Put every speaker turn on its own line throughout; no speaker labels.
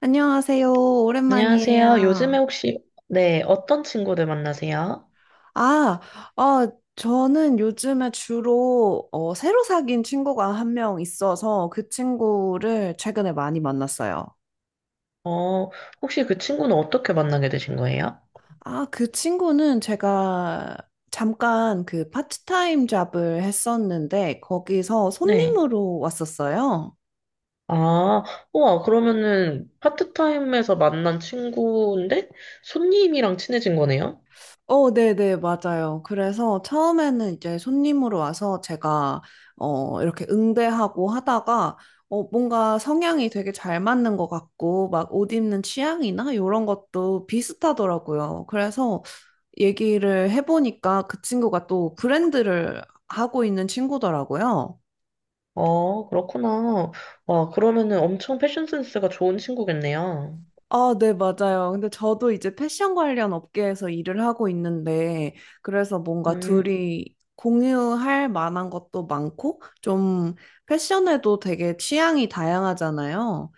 안녕하세요.
안녕하세요.
오랜만이에요.
요즘에 혹시, 네, 어떤 친구들 만나세요?
아, 저는 요즘에 주로 새로 사귄 친구가 한 명 있어서 그 친구를 최근에 많이 만났어요.
어, 혹시 그 친구는 어떻게 만나게 되신 거예요?
아, 그 친구는 제가 잠깐 그 파트타임 잡을 했었는데 거기서
네.
손님으로 왔었어요.
아, 우와, 그러면은 파트타임에서 만난 친구인데 손님이랑 친해진 거네요?
네네, 맞아요. 그래서 처음에는 이제 손님으로 와서 제가, 이렇게 응대하고 하다가, 뭔가 성향이 되게 잘 맞는 것 같고, 막 옷 입는 취향이나 이런 것도 비슷하더라고요. 그래서 얘기를 해보니까 그 친구가 또 브랜드를 하고 있는 친구더라고요.
어, 그렇구나. 와, 그러면은 엄청 패션 센스가 좋은 친구겠네요.
아, 네, 맞아요. 근데 저도 이제 패션 관련 업계에서 일을 하고 있는데, 그래서 뭔가
음,
둘이 공유할 만한 것도 많고, 좀 패션에도 되게 취향이 다양하잖아요.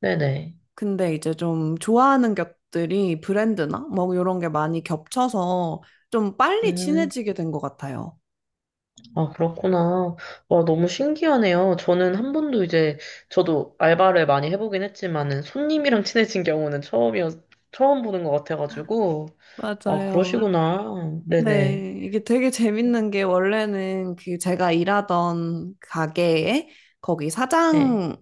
네네.
근데 이제 좀 좋아하는 것들이 브랜드나 뭐 이런 게 많이 겹쳐서 좀 빨리
음.
친해지게 된 것 같아요.
아, 그렇구나. 와, 너무 신기하네요. 저는 한 번도 이제, 저도 알바를 많이 해보긴 했지만은, 손님이랑 친해진 경우는 처음 보는 것 같아가지고. 아,
맞아요.
그러시구나. 네네.
네, 이게 되게 재밌는 게 원래는 그 제가 일하던 가게에 거기
네.
사장이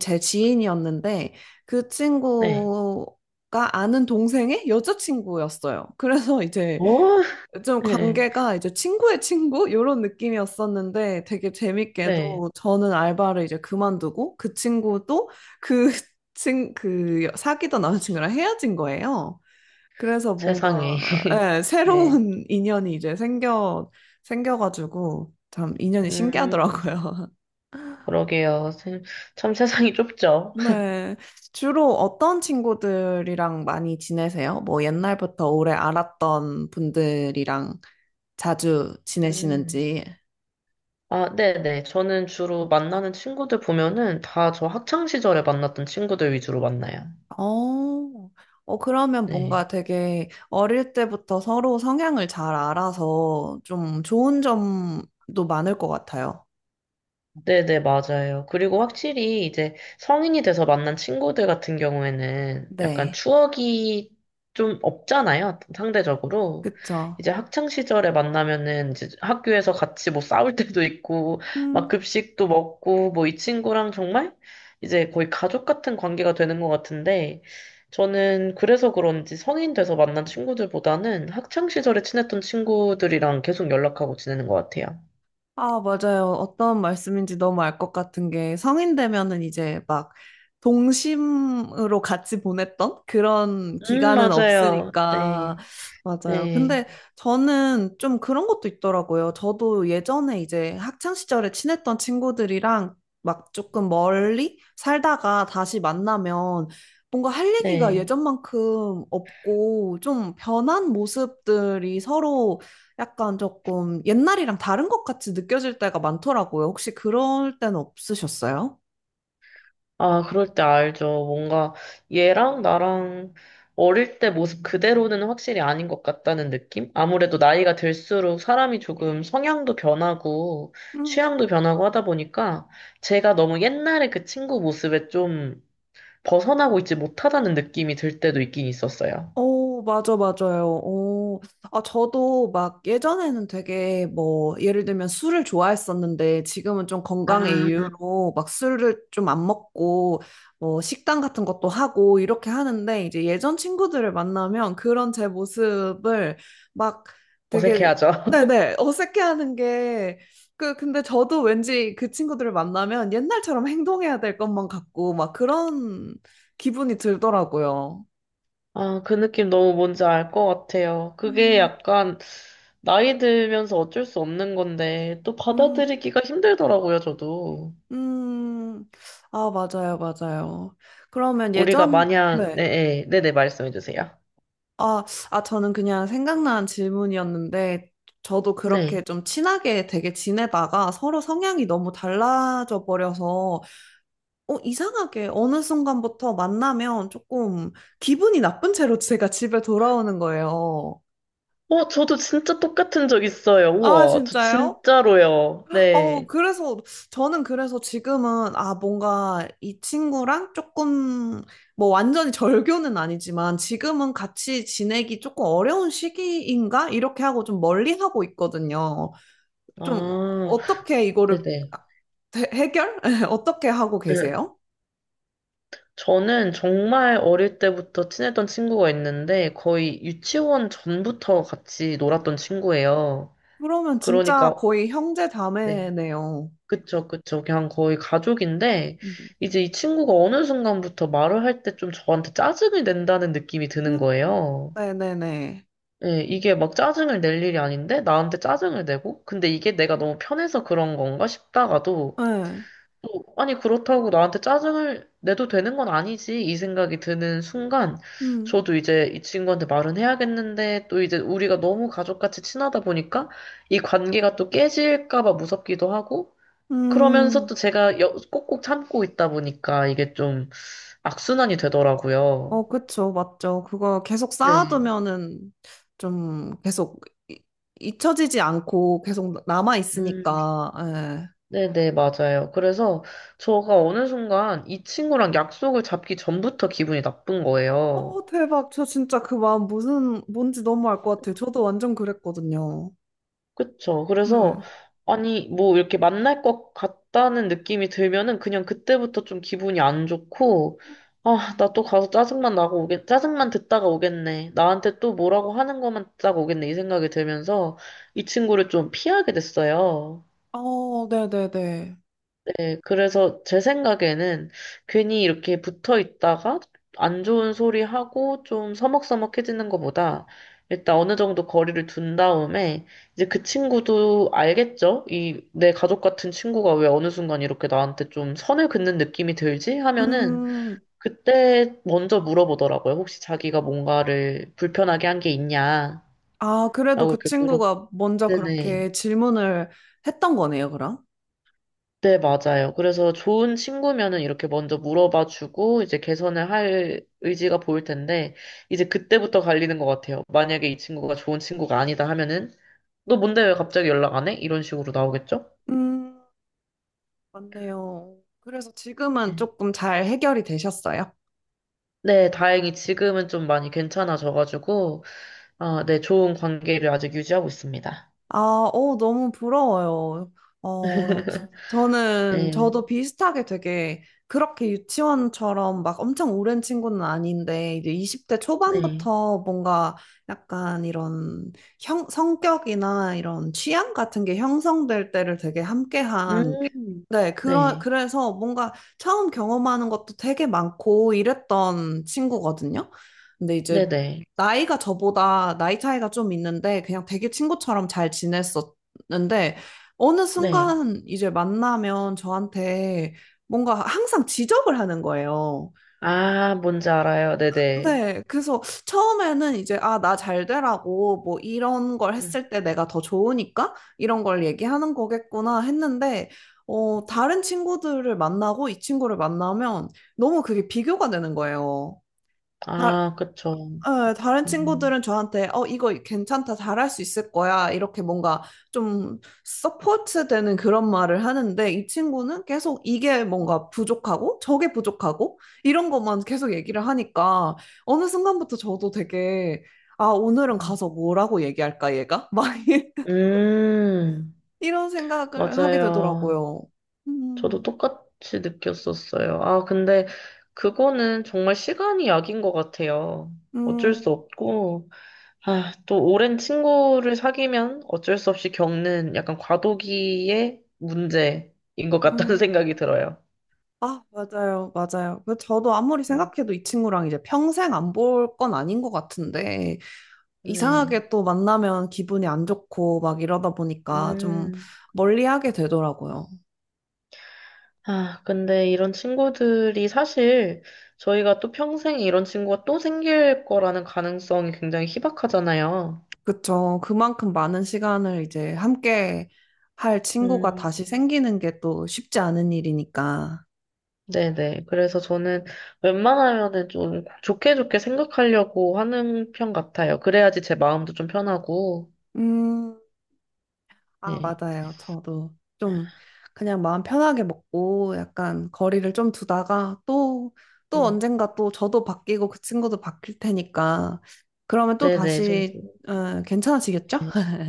제 지인이었는데 그
네.
친구가 아는 동생의 여자친구였어요. 그래서 이제
어?
좀
네.
관계가 이제 친구의 친구 이런 느낌이었었는데 되게
네.
재밌게도 저는 알바를 이제 그만두고 그 친구도 그 그 사귀던 남자친구랑 헤어진 거예요. 그래서 뭔가
세상에.
예,
네.
새로운 인연이 이제 생겨가지고 참 인연이
음,
신기하더라고요.
그러게요. 참 세상이 좁죠.
네. 주로 어떤 친구들이랑 많이 지내세요? 뭐 옛날부터 오래 알았던 분들이랑 자주
음.
지내시는지.
아, 네네. 저는 주로 만나는 친구들 보면은 다 저 학창 시절에 만났던 친구들 위주로 만나요.
어, 그러면
네.
뭔가 되게 어릴 때부터 서로 성향을 잘 알아서 좀 좋은 점도 많을 것 같아요.
네네, 맞아요. 그리고 확실히 이제 성인이 돼서 만난 친구들 같은 경우에는 약간
네.
추억이 좀 없잖아요, 상대적으로.
그쵸.
이제 학창 시절에 만나면은 이제 학교에서 같이 뭐 싸울 때도 있고, 막
음.
급식도 먹고, 뭐 이 친구랑 정말 이제 거의 가족 같은 관계가 되는 것 같은데, 저는 그래서 그런지 성인 돼서 만난 친구들보다는 학창 시절에 친했던 친구들이랑 계속 연락하고 지내는 것 같아요.
아, 맞아요. 어떤 말씀인지 너무 알 것 같은 게 성인 되면은 이제 막 동심으로 같이 보냈던 그런 기간은
맞아요.
없으니까
네.
맞아요.
네,
근데 저는 좀 그런 것도 있더라고요. 저도 예전에 이제 학창 시절에 친했던 친구들이랑 막 조금 멀리 살다가 다시 만나면 뭔가 할 얘기가
네.
예전만큼 없고 좀 변한 모습들이 서로 약간 조금 옛날이랑 다른 것 같이 느껴질 때가 많더라고요. 혹시 그럴 때는 없으셨어요?
아, 그럴 때 알죠. 뭔가 얘랑 나랑 어릴 때 모습 그대로는 확실히 아닌 것 같다는 느낌? 아무래도 나이가 들수록 사람이 조금 성향도 변하고 취향도 변하고 하다 보니까 제가 너무 옛날에 그 친구 모습에 좀 벗어나고 있지 못하다는 느낌이 들 때도 있긴 있었어요.
맞아, 맞아요. 저도 막 예전에는 되게 뭐, 예를 들면 술을 좋아했었는데 지금은 좀 건강의
아,
이유로 막 술을 좀 안 먹고 뭐 식단 같은 것도 하고 이렇게 하는데 이제 예전 친구들을 만나면 그런 제 모습을 막 되게,
어색해하죠.
네네, 어색해하는 게 근데 저도 왠지 그 친구들을 만나면 옛날처럼 행동해야 될 것만 같고 막 그런 기분이 들더라고요.
아, 그 느낌 너무 뭔지 알 것 같아요. 그게
음,
약간 나이 들면서 어쩔 수 없는 건데 또
음,
받아들이기가 힘들더라고요, 저도.
음, 아, 맞아요, 맞아요. 그러면
우리가
예전,
마냥
네.
네, 네, 네, 말씀해 주세요.
아, 저는 그냥 생각난 질문이었는데, 저도 그렇게
네.
좀 친하게 되게 지내다가 서로 성향이 너무 달라져 버려서, 이상하게 어느 순간부터 만나면 조금 기분이 나쁜 채로 제가 집에 돌아오는 거예요.
어, 저도 진짜 똑같은 적 있어요.
아,
우와, 저
진짜요?
진짜로요.
어,
네.
그래서, 저는 그래서 지금은, 아, 뭔가 이 친구랑 조금, 뭐 완전히 절교는 아니지만, 지금은 같이 지내기 조금 어려운 시기인가? 이렇게 하고 좀 멀리 하고 있거든요. 좀,
아,
어떻게 이거를
네네.
해결? 어떻게 하고
네.
계세요?
저는 정말 어릴 때부터 친했던 친구가 있는데 거의 유치원 전부터 같이 놀았던 친구예요.
그러면 진짜
그러니까
거의 형제
네.
자매네요.
그쵸, 그쵸. 그냥 거의 가족인데,
음.
이제 이 친구가 어느 순간부터 말을 할 때 좀 저한테 짜증을 낸다는 느낌이 드는
음,
거예요.
네네네.
예, 이게 막 짜증을 낼 일이 아닌데, 나한테 짜증을 내고, 근데 이게 내가 너무 편해서 그런 건가 싶다가도,
네.
또, 아니, 그렇다고 나한테 짜증을 내도 되는 건 아니지, 이 생각이 드는 순간,
음,
저도 이제 이 친구한테 말은 해야겠는데, 또 이제 우리가 너무 가족같이 친하다 보니까, 이 관계가 또 깨질까 봐 무섭기도 하고, 그러면서
음.
또 제가 꼭꼭 참고 있다 보니까 이게 좀 악순환이 되더라고요.
어, 그쵸, 맞죠. 그거 계속
네.
쌓아두면은 좀 계속 이- 잊혀지지 않고 계속 남아
음,
있으니까. 예.
네네, 맞아요. 그래서 저가 어느 순간 이 친구랑 약속을 잡기 전부터 기분이 나쁜 거예요.
어, 대박. 저 진짜 그 마음 무슨 뭔지 너무 알 것 같아요. 저도 완전 그랬거든요.
그쵸. 그래서,
네.
아니, 뭐, 이렇게 만날 것 같다는 느낌이 들면은 그냥 그때부터 좀 기분이 안 좋고, 아, 나 또 가서 짜증만 듣다가 오겠네. 나한테 또 뭐라고 하는 것만 듣다가 오겠네. 이 생각이 들면서 이 친구를 좀 피하게 됐어요.
어, 네네네.
네, 그래서 제 생각에는 괜히 이렇게 붙어 있다가 안 좋은 소리 하고 좀 서먹서먹해지는 것보다 일단 어느 정도 거리를 둔 다음에 이제 그 친구도 알겠죠? 이 내 가족 같은 친구가 왜 어느 순간 이렇게 나한테 좀 선을 긋는 느낌이 들지? 하면은
음,
그때 먼저 물어보더라고요. 혹시 자기가 뭔가를 불편하게 한 게 있냐?
아, 그래도
라고
그
이렇게 물어.
친구가 먼저
네네.
그렇게 질문을 했던 거네요, 그럼?
네, 맞아요. 그래서 좋은 친구면은 이렇게 먼저 물어봐주고 이제 개선을 할 의지가 보일 텐데 이제 그때부터 갈리는 것 같아요. 만약에 이 친구가 좋은 친구가 아니다 하면은 너 뭔데 왜 갑자기 연락 안 해? 이런 식으로 나오겠죠?
음. 맞네요. 그래서 지금은
네.
조금 잘 해결이 되셨어요?
네, 다행히 지금은 좀 많이 괜찮아져가지고 아, 네, 좋은 관계를 아직 유지하고 있습니다.
아, 어, 너무 부러워요. 어,
네,
저도 비슷하게 되게 그렇게 유치원처럼 막 엄청 오랜 친구는 아닌데, 이제 20대
네,
초반부터 뭔가 약간 이런 성격이나 이런 취향 같은 게 형성될 때를 되게 함께한
음,
네,
네,
그래서 뭔가 처음 경험하는 것도 되게 많고 이랬던 친구거든요. 근데
네,
이제
네,
나이가 저보다 나이 차이가 좀 있는데 그냥 되게 친구처럼 잘 지냈었는데 어느
네.
순간 이제 만나면 저한테 뭔가 항상 지적을 하는 거예요.
아, 뭔지 알아요. 네, 네.
네, 그래서 처음에는 이제, 아, 나 잘 되라고, 뭐, 이런 걸
음,
했을 때 내가 더 좋으니까, 이런 걸 얘기하는 거겠구나 했는데, 어, 다른 친구들을 만나고 이 친구를 만나면 너무 그게 비교가 되는 거예요. 다-
아, 그쵸.
네, 다른
음.
친구들은 저한테 어 이거 괜찮다 잘할 수 있을 거야 이렇게 뭔가 좀 서포트 되는 그런 말을 하는데 이 친구는 계속 이게 뭔가 부족하고 저게 부족하고 이런 것만 계속 얘기를 하니까 어느 순간부터 저도 되게 아 오늘은 가서 뭐라고 얘기할까 얘가 막
음,
이런 생각을 하게
맞아요.
되더라고요.
저도
음,
똑같이 느꼈었어요. 아, 근데 그거는 정말 시간이 약인 것 같아요. 어쩔 수
음,
없고, 아, 또 오랜 친구를 사귀면 어쩔 수 없이 겪는 약간 과도기의 문제인 것 같다는
음.
생각이 들어요.
아, 맞아요, 맞아요. 그 저도 아무리
음,
생각해도 이 친구랑 이제 평생 안 볼 건 아닌 것 같은데,
네.
이상하게 또 만나면 기분이 안 좋고 막 이러다 보니까 좀
음,
멀리하게 되더라고요.
아, 근데 이런 친구들이 사실 저희가 또 평생 이런 친구가 또 생길 거라는 가능성이 굉장히 희박하잖아요.
그쵸. 그만큼 많은 시간을 이제 함께 할 친구가
음,
다시 생기는 게 또 쉽지 않은 일이니까.
네네. 그래서 저는 웬만하면은 좀 좋게 좋게 생각하려고 하는 편 같아요. 그래야지 제 마음도 좀 편하고.
음, 아,
네.
맞아요. 저도 좀 그냥 마음 편하게 먹고 약간 거리를 좀 두다가 또, 또
음.
언젠가 또 저도 바뀌고 그 친구도 바뀔 테니까 그러면 또
네네. 좀,
다시 어, 괜찮아지겠죠?
네.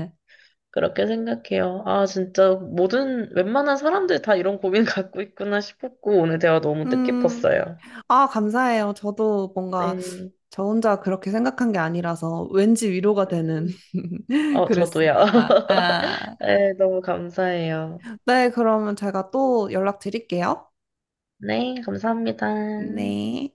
그렇게 생각해요. 아, 진짜 모든, 웬만한 사람들 다 이런 고민 갖고 있구나 싶었고, 오늘 대화 너무
음,
뜻깊었어요.
아, 감사해요. 저도 뭔가
네.
저 혼자 그렇게 생각한 게 아니라서 왠지 위로가 되는
음. 어, 저도요.
그랬습니다. 아,
네, 너무 감사해요.
네, 그러면 제가 또 연락드릴게요.
네, 감사합니다.
네.